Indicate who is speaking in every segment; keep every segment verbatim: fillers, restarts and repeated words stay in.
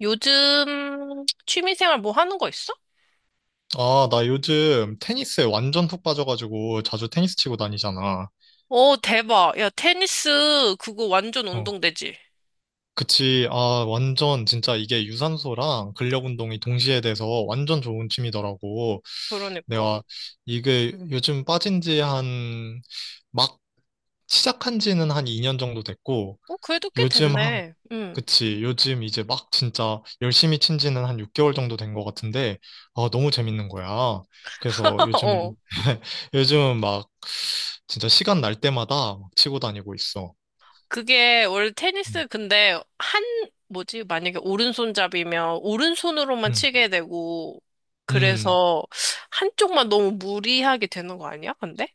Speaker 1: 요즘 취미생활 뭐 하는 거 있어?
Speaker 2: 아, 나 요즘 테니스에 완전 푹 빠져가지고 자주 테니스 치고 다니잖아.
Speaker 1: 어, 대박. 야, 테니스 그거 완전
Speaker 2: 어.
Speaker 1: 운동되지.
Speaker 2: 그치. 아, 완전 진짜 이게 유산소랑 근력 운동이 동시에 돼서 완전 좋은 취미더라고.
Speaker 1: 그러니까.
Speaker 2: 내가 이게 요즘 빠진 지 한, 막 시작한 지는 한 이 년 정도 됐고,
Speaker 1: 어, 그래도 꽤
Speaker 2: 요즘 한,
Speaker 1: 됐네. 응.
Speaker 2: 그치. 요즘 이제 막 진짜 열심히 친 지는 한 육 개월 정도 된 것 같은데, 아, 너무 재밌는 거야. 그래서
Speaker 1: 어.
Speaker 2: 요즘은, 요즘은 막 진짜 시간 날 때마다 막 치고 다니고 있어.
Speaker 1: 그게 원래
Speaker 2: 음.
Speaker 1: 테니스 근데 한 뭐지? 만약에 오른손잡이면 오른손으로만
Speaker 2: 음.
Speaker 1: 치게 되고
Speaker 2: 음.
Speaker 1: 그래서 한쪽만 너무 무리하게 되는 거 아니야? 근데?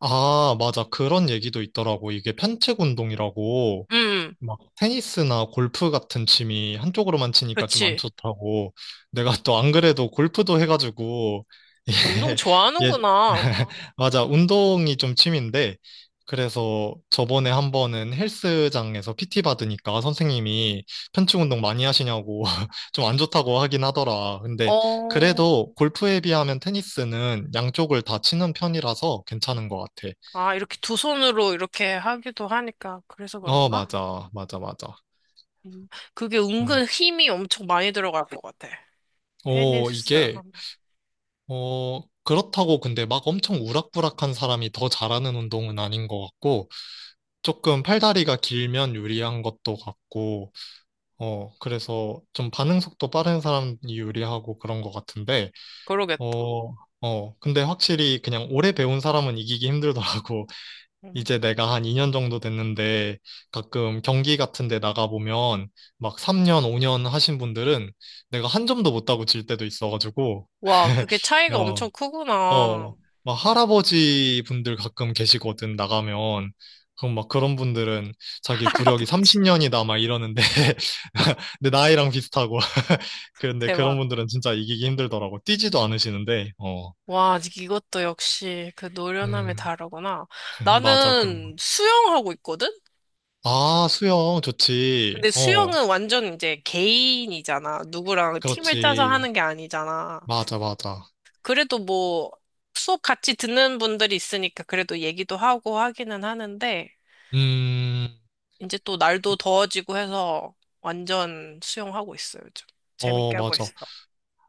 Speaker 2: 아, 맞아. 그런 얘기도 있더라고. 이게 편측 운동이라고.
Speaker 1: 응. 응.
Speaker 2: 막 테니스나 골프 같은 취미 한쪽으로만 치니까 좀 안
Speaker 1: 그치.
Speaker 2: 좋다고. 내가 또 안 그래도 골프도 해가지고
Speaker 1: 운동
Speaker 2: 예, 예
Speaker 1: 좋아하는구나.
Speaker 2: 맞아, 운동이 좀 취미인데 그래서 저번에 한 번은 헬스장에서 피티 받으니까 선생님이 편충 운동 많이 하시냐고 좀 안 좋다고 하긴 하더라. 근데
Speaker 1: 어.
Speaker 2: 그래도 골프에 비하면 테니스는 양쪽을 다 치는 편이라서 괜찮은 것 같아.
Speaker 1: 아, 이렇게 두 손으로 이렇게 하기도 하니까 그래서
Speaker 2: 어,
Speaker 1: 그런가?
Speaker 2: 맞아, 맞아, 맞아.
Speaker 1: 음. 그게
Speaker 2: 음.
Speaker 1: 은근 힘이 엄청 많이 들어갈 것 같아.
Speaker 2: 오,
Speaker 1: 테니스.
Speaker 2: 이게
Speaker 1: 하면.
Speaker 2: 어, 그렇다고. 근데 막 엄청 우락부락한 사람이 더 잘하는 운동은 아닌 것 같고, 조금 팔다리가 길면 유리한 것도 같고, 어, 그래서 좀 반응 속도 빠른 사람이 유리하고 그런 것 같은데,
Speaker 1: 그러겠다.
Speaker 2: 어, 어, 근데 확실히 그냥 오래 배운 사람은 이기기 힘들더라고.
Speaker 1: 음.
Speaker 2: 이제 내가 한 이 년 정도 됐는데, 가끔 경기 같은 데 나가보면, 막 삼 년, 오 년 하신 분들은 내가 한 점도 못 따고 질 때도 있어가지고,
Speaker 1: 와, 그게 차이가 엄청
Speaker 2: 어,
Speaker 1: 크구나.
Speaker 2: 어, 막 할아버지 분들 가끔 계시거든, 나가면. 그럼 막 그런 분들은 자기 구력이
Speaker 1: 할아버지.
Speaker 2: 삼십 년이다, 막 이러는데, 근데 나이랑 비슷하고. 그런데 그런
Speaker 1: 대박.
Speaker 2: 분들은 진짜 이기기 힘들더라고. 뛰지도 않으시는데, 어.
Speaker 1: 와, 이것도 역시 그 노련함이
Speaker 2: 음,
Speaker 1: 다르구나.
Speaker 2: 맞아, 그럼.
Speaker 1: 나는 수영하고 있거든?
Speaker 2: 아, 수영 좋지.
Speaker 1: 근데
Speaker 2: 어,
Speaker 1: 수영은 완전 이제 개인이잖아. 누구랑 팀을 짜서
Speaker 2: 그렇지.
Speaker 1: 하는 게 아니잖아.
Speaker 2: 맞아, 맞아.
Speaker 1: 그래도 뭐 수업 같이 듣는 분들이 있으니까 그래도 얘기도 하고 하기는 하는데,
Speaker 2: 음,
Speaker 1: 이제 또
Speaker 2: 그,
Speaker 1: 날도 더워지고 해서 완전 수영하고 있어요, 요즘.
Speaker 2: 어,
Speaker 1: 재밌게 하고
Speaker 2: 맞아.
Speaker 1: 있어.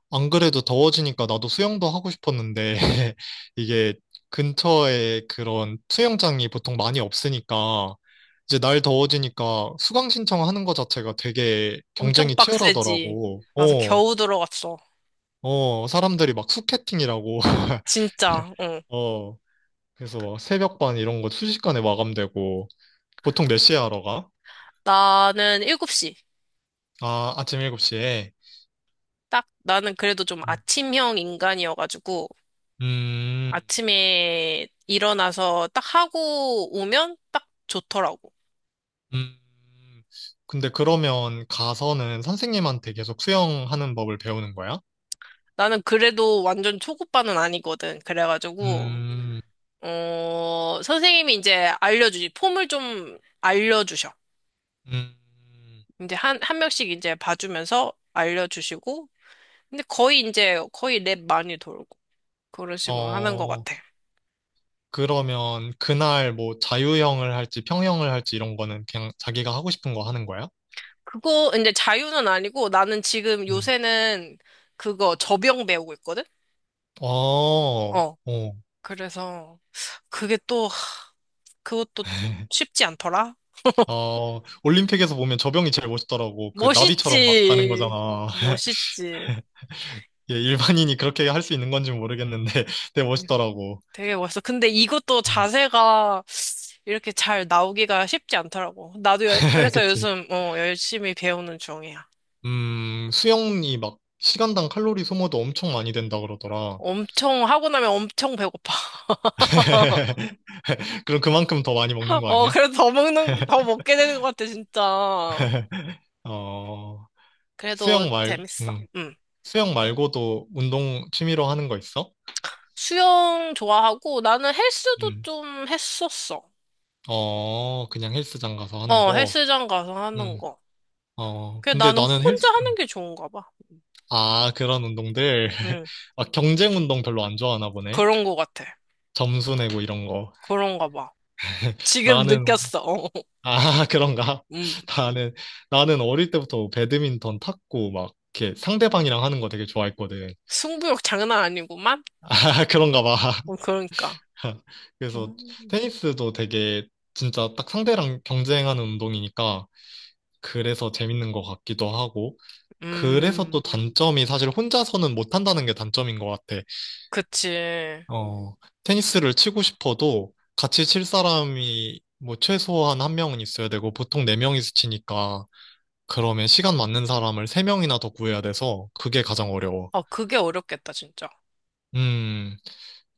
Speaker 2: 안 그래도 더워지니까 나도 수영도 하고 싶었는데, 이게 근처에 그런 수영장이 보통 많이 없으니까, 이제 날 더워지니까 수강 신청하는 거 자체가 되게
Speaker 1: 엄청
Speaker 2: 경쟁이
Speaker 1: 빡세지.
Speaker 2: 치열하더라고.
Speaker 1: 나서
Speaker 2: 어,
Speaker 1: 겨우 들어갔어.
Speaker 2: 어, 사람들이 막 수캐팅이라고.
Speaker 1: 진짜, 응.
Speaker 2: 어, 그래서 막 새벽반 이런 거 순식간에 마감되고, 보통 몇 시에 하러 가?
Speaker 1: 나는 일곱 시.
Speaker 2: 아, 아침 일곱 시에.
Speaker 1: 딱, 나는 그래도 좀
Speaker 2: 음,
Speaker 1: 아침형 인간이어가지고,
Speaker 2: 음.
Speaker 1: 아침에 일어나서 딱 하고 오면 딱 좋더라고.
Speaker 2: 음, 근데 그러면 가서는 선생님한테 계속 수영하는 법을 배우는 거야?
Speaker 1: 나는 그래도 완전 초급반은 아니거든. 그래가지고,
Speaker 2: 음,
Speaker 1: 어, 선생님이 이제 알려주지. 폼을 좀 알려주셔.
Speaker 2: 음,
Speaker 1: 이제 한, 한 명씩 이제 봐주면서 알려주시고, 근데 거의 이제 거의 랩 많이 돌고, 그런 식으로 하는 것
Speaker 2: 어,
Speaker 1: 같아.
Speaker 2: 그러면 그날 뭐 자유형을 할지 평형을 할지 이런 거는 그냥 자기가 하고 싶은 거 하는 거야?
Speaker 1: 그거 이제 자유는 아니고 나는 지금
Speaker 2: 음,
Speaker 1: 요새는 그거 접영 배우고 있거든?
Speaker 2: 어,
Speaker 1: 어.
Speaker 2: 어,
Speaker 1: 그래서 그게 또, 하, 그것도 쉽지 않더라?
Speaker 2: 어, 올림픽에서 보면 저병이 제일 멋있더라고. 그 나비처럼 막 가는
Speaker 1: 멋있지.
Speaker 2: 거잖아.
Speaker 1: 멋있지.
Speaker 2: 예, 일반인이 그렇게 할 수 있는 건지 모르겠는데 되게 멋있더라고.
Speaker 1: 되게 멋있어. 근데 이것도
Speaker 2: 음.
Speaker 1: 자세가 이렇게 잘 나오기가 쉽지 않더라고. 나도 여- 그래서
Speaker 2: 그치.
Speaker 1: 요즘 어, 열심히 배우는 중이야.
Speaker 2: 음, 수영이 막 시간당 칼로리 소모도 엄청 많이 된다 그러더라.
Speaker 1: 엄청 하고 나면 엄청 배고파.
Speaker 2: 그럼 그만큼 더 많이 먹는 거
Speaker 1: 어,
Speaker 2: 아니야?
Speaker 1: 그래도 더 먹는, 더 먹게 되는 것 같아, 진짜.
Speaker 2: 어,
Speaker 1: 그래도
Speaker 2: 수영 말,
Speaker 1: 재밌어.
Speaker 2: 음,
Speaker 1: 응.
Speaker 2: 수영 말고도 운동 취미로 하는 거 있어?
Speaker 1: 수영 좋아하고 나는 헬스도
Speaker 2: 음,
Speaker 1: 좀 했었어.
Speaker 2: 어, 그냥 헬스장 가서 하는
Speaker 1: 어,
Speaker 2: 거.
Speaker 1: 헬스장 가서 하는
Speaker 2: 음,
Speaker 1: 거.
Speaker 2: 어,
Speaker 1: 그래,
Speaker 2: 근데
Speaker 1: 나는
Speaker 2: 나는
Speaker 1: 혼자
Speaker 2: 헬스,
Speaker 1: 하는
Speaker 2: 음,
Speaker 1: 게 좋은가 봐.
Speaker 2: 아, 그런 운동들.
Speaker 1: 응.
Speaker 2: 막 경쟁 운동 별로 안 좋아하나 보네.
Speaker 1: 그런 것 같아.
Speaker 2: 점수 내고 이런 거.
Speaker 1: 그런가 봐. 지금
Speaker 2: 나는
Speaker 1: 느꼈어. 어.
Speaker 2: 아, 그런가?
Speaker 1: 음.
Speaker 2: 나는, 나는 어릴 때부터 배드민턴 탔고, 막, 이렇게 상대방이랑 하는 거 되게 좋아했거든.
Speaker 1: 승부욕 장난 아니구만?
Speaker 2: 아, 그런가 봐.
Speaker 1: 어, 그러니까.
Speaker 2: 그래서
Speaker 1: 음.
Speaker 2: 테니스도 되게 진짜 딱 상대랑 경쟁하는 운동이니까, 그래서 재밌는 것 같기도 하고, 그래서
Speaker 1: 음.
Speaker 2: 또 단점이 사실 혼자서는 못 한다는 게 단점인 것 같아.
Speaker 1: 그치.
Speaker 2: 어, 테니스를 치고 싶어도 같이 칠 사람이 뭐 최소한 한 명은 있어야 되고, 보통 네 명이서 치니까, 그러면 시간 맞는 사람을 세 명이나 더 구해야 돼서 그게 가장 어려워.
Speaker 1: 어, 그게 어렵겠다, 진짜.
Speaker 2: 음,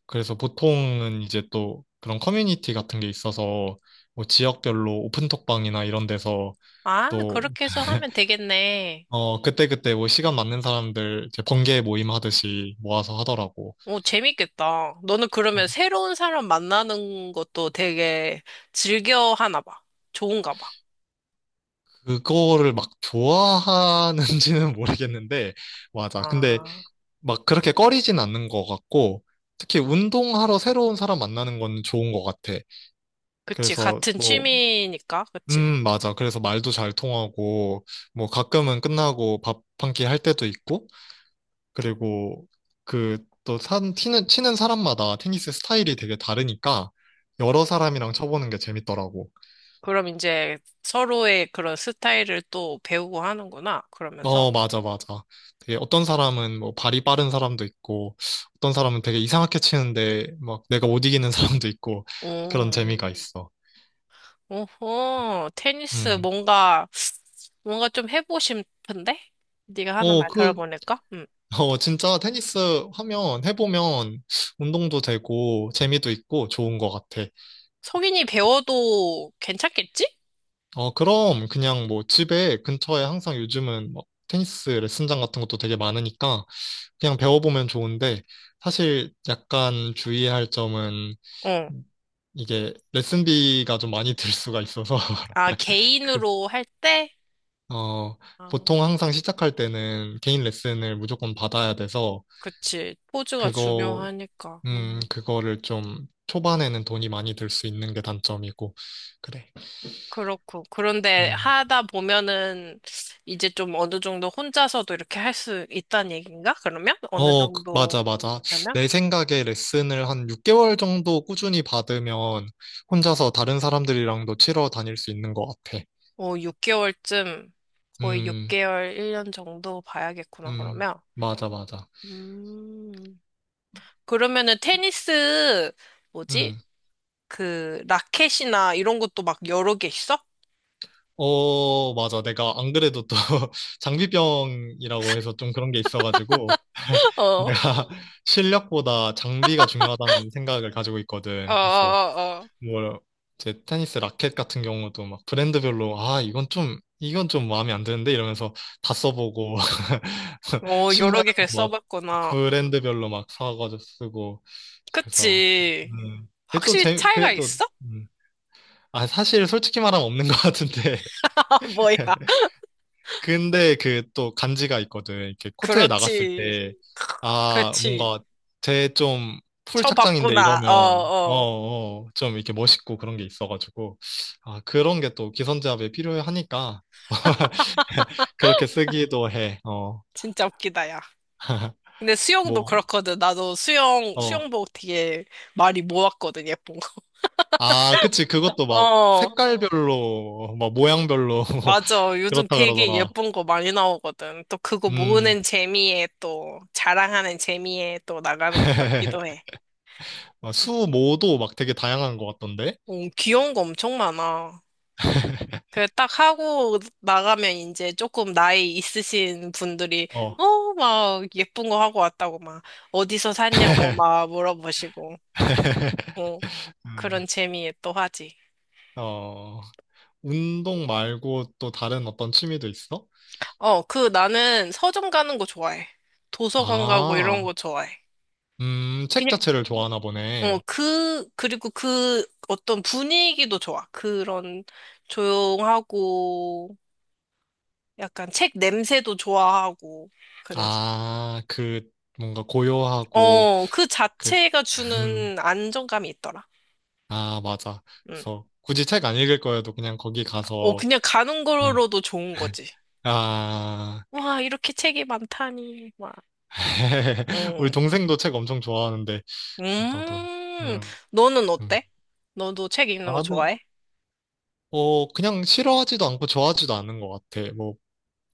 Speaker 2: 그래서 보통은 이제 또 그런 커뮤니티 같은 게 있어서 뭐 지역별로 오픈톡방이나 이런 데서
Speaker 1: 아,
Speaker 2: 또,
Speaker 1: 그렇게 해서 하면 되겠네.
Speaker 2: 어, 그때그때 뭐 시간 맞는 사람들 이제 번개 모임 하듯이 모아서 하더라고.
Speaker 1: 오, 재밌겠다. 너는 그러면
Speaker 2: 어,
Speaker 1: 새로운 사람 만나는 것도 되게 즐겨 하나 봐. 좋은가 봐.
Speaker 2: 그거를 막 좋아하는지는 모르겠는데, 맞아. 근데
Speaker 1: 아,
Speaker 2: 막 그렇게 꺼리진 않는 것 같고, 특히 운동하러 새로운 사람 만나는 건 좋은 것 같아.
Speaker 1: 그치.
Speaker 2: 그래서
Speaker 1: 같은
Speaker 2: 뭐
Speaker 1: 취미니까, 그치.
Speaker 2: 음, 맞아. 그래서 말도 잘 통하고, 뭐 가끔은 끝나고 밥 한 끼 할 때도 있고, 그리고 그 또 산, 치는, 치는 사람마다 테니스 스타일이 되게 다르니까, 여러 사람이랑 쳐보는 게 재밌더라고.
Speaker 1: 그럼 이제 서로의 그런 스타일을 또 배우고 하는구나. 그러면서.
Speaker 2: 어, 맞아, 맞아. 되게 어떤 사람은 뭐 발이 빠른 사람도 있고, 어떤 사람은 되게 이상하게 치는데, 막 내가 못 이기는 사람도 있고, 그런
Speaker 1: 음,
Speaker 2: 재미가 있어.
Speaker 1: 오호, 테니스
Speaker 2: 음.
Speaker 1: 뭔가, 뭔가 좀 해보고 싶은데? 네가 하는
Speaker 2: 어,
Speaker 1: 말
Speaker 2: 그,
Speaker 1: 들어보니까? 음.
Speaker 2: 어, 진짜 테니스 하면, 해보면 운동도 되고 재미도 있고 좋은 것 같아.
Speaker 1: 성인이 배워도 괜찮겠지?
Speaker 2: 어, 그럼 그냥 뭐 집에 근처에 항상 요즘은 뭐 테니스 레슨장 같은 것도 되게 많으니까 그냥 배워보면 좋은데 사실 약간 주의해야 할 점은
Speaker 1: 어.
Speaker 2: 이게 레슨비가 좀 많이 들 수가 있어서.
Speaker 1: 아,
Speaker 2: 그,
Speaker 1: 개인으로 할 때?
Speaker 2: 어,
Speaker 1: 아,
Speaker 2: 보통 항상 시작할 때는 개인 레슨을 무조건 받아야 돼서
Speaker 1: 그치. 포즈가
Speaker 2: 그거
Speaker 1: 중요하니까.
Speaker 2: 음,
Speaker 1: 음,
Speaker 2: 그거를 좀 초반에는 돈이 많이 들 수 있는 게 단점이고. 그래.
Speaker 1: 그렇고. 그런데
Speaker 2: 음.
Speaker 1: 하다 보면은 이제 좀 어느 정도 혼자서도 이렇게 할 수 있다는 얘기인가? 그러면? 어느
Speaker 2: 어, 그-
Speaker 1: 정도
Speaker 2: 맞아, 맞아.
Speaker 1: 되면?
Speaker 2: 내 생각에 레슨을 한 육 개월 정도 꾸준히 받으면 혼자서 다른 사람들이랑도 치러 다닐 수 있는 것 같아.
Speaker 1: 어, 육 개월쯤, 거의
Speaker 2: 음,
Speaker 1: 육 개월, 일 년 정도 봐야겠구나,
Speaker 2: 음,
Speaker 1: 그러면.
Speaker 2: 맞아, 맞아.
Speaker 1: 음, 그러면은 테니스, 뭐지?
Speaker 2: 음.
Speaker 1: 그, 라켓이나 이런 것도 막 여러 개 있어?
Speaker 2: 어, 맞아. 내가 안 그래도 또 장비병이라고 해서 좀 그런 게 있어가지고
Speaker 1: 어,
Speaker 2: 내가
Speaker 1: 어,
Speaker 2: 실력보다 장비가 중요하다는 생각을 가지고
Speaker 1: 어,
Speaker 2: 있거든.
Speaker 1: 어.
Speaker 2: 뭐, 이제 테니스 라켓 같은 경우도 막 브랜드별로, 아, 이건 좀, 이건 좀 마음에 안 드는데? 이러면서 다 써보고,
Speaker 1: 어, 여러
Speaker 2: 신발도
Speaker 1: 개 글
Speaker 2: 막
Speaker 1: 써봤구나.
Speaker 2: 브랜드별로 막 사가지고 쓰고, 그래서,
Speaker 1: 그치.
Speaker 2: 음, 그게 또
Speaker 1: 확실히
Speaker 2: 재,
Speaker 1: 차이가
Speaker 2: 그게 또,
Speaker 1: 있어?
Speaker 2: 음, 아, 사실 솔직히 말하면 없는 것 같은데,
Speaker 1: 뭐야.
Speaker 2: 근데 그 또 간지가 있거든. 이렇게 코트에 나갔을
Speaker 1: 그렇지.
Speaker 2: 때, 아,
Speaker 1: 그렇지.
Speaker 2: 뭔가 쟤 좀 풀 착장인데
Speaker 1: 쳐봤구나. 어,
Speaker 2: 이러면, 어,
Speaker 1: 어.
Speaker 2: 어, 좀 이렇게 멋있고 그런 게 있어가지고, 아, 그런 게 또 기선제압에 필요하니까, 그렇게 쓰기도 해. 어.
Speaker 1: 진짜 웃기다, 야. 근데 수영도
Speaker 2: 뭐,
Speaker 1: 그렇거든. 나도 수영,
Speaker 2: 어.
Speaker 1: 수영복 되게 많이 모았거든, 예쁜 거.
Speaker 2: 아, 그치. 그것도 막
Speaker 1: 어,
Speaker 2: 색깔별로, 막 모양별로,
Speaker 1: 맞아. 요즘
Speaker 2: 그렇다
Speaker 1: 되게
Speaker 2: 그러더라.
Speaker 1: 예쁜 거 많이 나오거든. 또 그거
Speaker 2: 음.
Speaker 1: 모으는 재미에 또, 자랑하는 재미에 또 나가는 것 같기도 해.
Speaker 2: 수모도 막 되게 다양한 것 같던데?
Speaker 1: 어, 귀여운 거 엄청 많아. 그 딱 하고 나가면 이제 조금 나이 있으신 분들이
Speaker 2: 어.
Speaker 1: 어 막 예쁜 거 하고 왔다고 막 어디서 샀냐고 막 물어보시고 어 그런 재미에 또 하지.
Speaker 2: 어, 운동 말고 또 다른 어떤 취미도 있어?
Speaker 1: 어 그 나는 서점 가는 거 좋아해. 도서관 가고 이런
Speaker 2: 아,
Speaker 1: 거 좋아해.
Speaker 2: 음, 책
Speaker 1: 그냥
Speaker 2: 자체를 좋아하나
Speaker 1: 어
Speaker 2: 보네.
Speaker 1: 그 그리고 그 어떤 분위기도 좋아. 그런 조용하고 약간 책 냄새도 좋아하고 그래서.
Speaker 2: 아, 그, 뭔가 고요하고,
Speaker 1: 어, 그
Speaker 2: 그,
Speaker 1: 자체가
Speaker 2: 음,
Speaker 1: 주는 안정감이 있더라.
Speaker 2: 아, 맞아.
Speaker 1: 응.
Speaker 2: 그래서 굳이 책 안 읽을 거여도 그냥 거기
Speaker 1: 어,
Speaker 2: 가서,
Speaker 1: 그냥 가는
Speaker 2: 음,
Speaker 1: 거로도 좋은 거지.
Speaker 2: 아,
Speaker 1: 와, 이렇게 책이 많다니. 와.
Speaker 2: 우리
Speaker 1: 응.
Speaker 2: 동생도 책 엄청 좋아하는데, 나도,
Speaker 1: 음,
Speaker 2: 음,
Speaker 1: 너는
Speaker 2: 음.
Speaker 1: 어때? 너도 책 읽는 거
Speaker 2: 나는,
Speaker 1: 좋아해?
Speaker 2: 어, 그냥 싫어하지도 않고 좋아하지도 않는 것 같아. 뭐,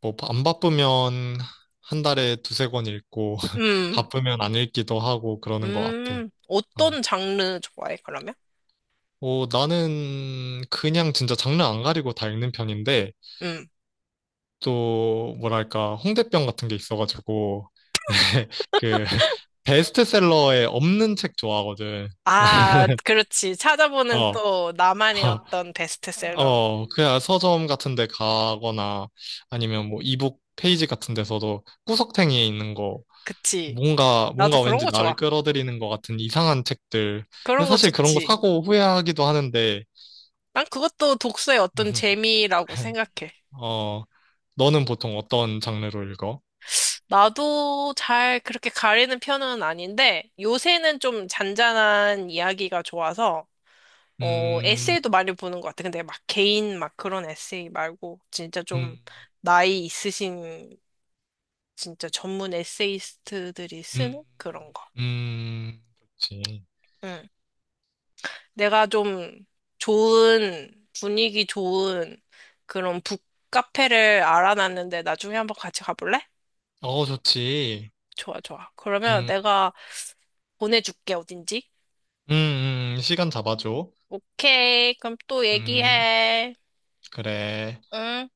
Speaker 2: 뭐, 안 바쁘면 한 달에 두세 권 읽고,
Speaker 1: 음,
Speaker 2: 바쁘면 안 읽기도 하고 그러는 것 같아.
Speaker 1: 음,
Speaker 2: 어.
Speaker 1: 어떤 장르 좋아해, 그러면?
Speaker 2: 어, 나는 그냥 진짜 장르 안 가리고 다 읽는 편인데,
Speaker 1: 음.
Speaker 2: 또, 뭐랄까, 홍대병 같은 게 있어가지고, 그, 베스트셀러에 없는 책 좋아하거든.
Speaker 1: 아, 그렇지. 찾아보는
Speaker 2: 어,
Speaker 1: 또 나만의
Speaker 2: 어,
Speaker 1: 어떤 베스트셀러.
Speaker 2: 어, 그냥 서점 같은 데 가거나 아니면 뭐 이북 페이지 같은 데서도 구석탱이에 있는 거
Speaker 1: 그치.
Speaker 2: 뭔가,
Speaker 1: 나도
Speaker 2: 뭔가
Speaker 1: 그런
Speaker 2: 왠지
Speaker 1: 거 좋아.
Speaker 2: 나를 끌어들이는 것 같은 이상한 책들. 근데
Speaker 1: 그런 거
Speaker 2: 사실 그런 거
Speaker 1: 좋지.
Speaker 2: 사고 후회하기도 하는데,
Speaker 1: 난 그것도 독서의 어떤 재미라고 생각해.
Speaker 2: 어, 너는 보통 어떤 장르로 읽어?
Speaker 1: 나도 잘 그렇게 가리는 편은 아닌데, 요새는 좀 잔잔한 이야기가 좋아서, 어,
Speaker 2: 음,
Speaker 1: 에세이도 많이 보는 것 같아. 근데 막 개인 막 그런 에세이 말고, 진짜 좀
Speaker 2: 음,
Speaker 1: 나이 있으신, 진짜 전문 에세이스트들이
Speaker 2: 음,
Speaker 1: 쓰는 그런 거.
Speaker 2: 음, 좋지.
Speaker 1: 응. 내가 좀 좋은, 분위기 좋은 그런 북카페를 알아놨는데 나중에 한번 같이 가볼래?
Speaker 2: 어, 좋지.
Speaker 1: 좋아, 좋아. 그러면
Speaker 2: 음,
Speaker 1: 내가 보내줄게, 어딘지.
Speaker 2: 음, 음, 음, 시간 잡아줘.
Speaker 1: 오케이. 그럼 또
Speaker 2: 음,
Speaker 1: 얘기해.
Speaker 2: 그래.
Speaker 1: 응?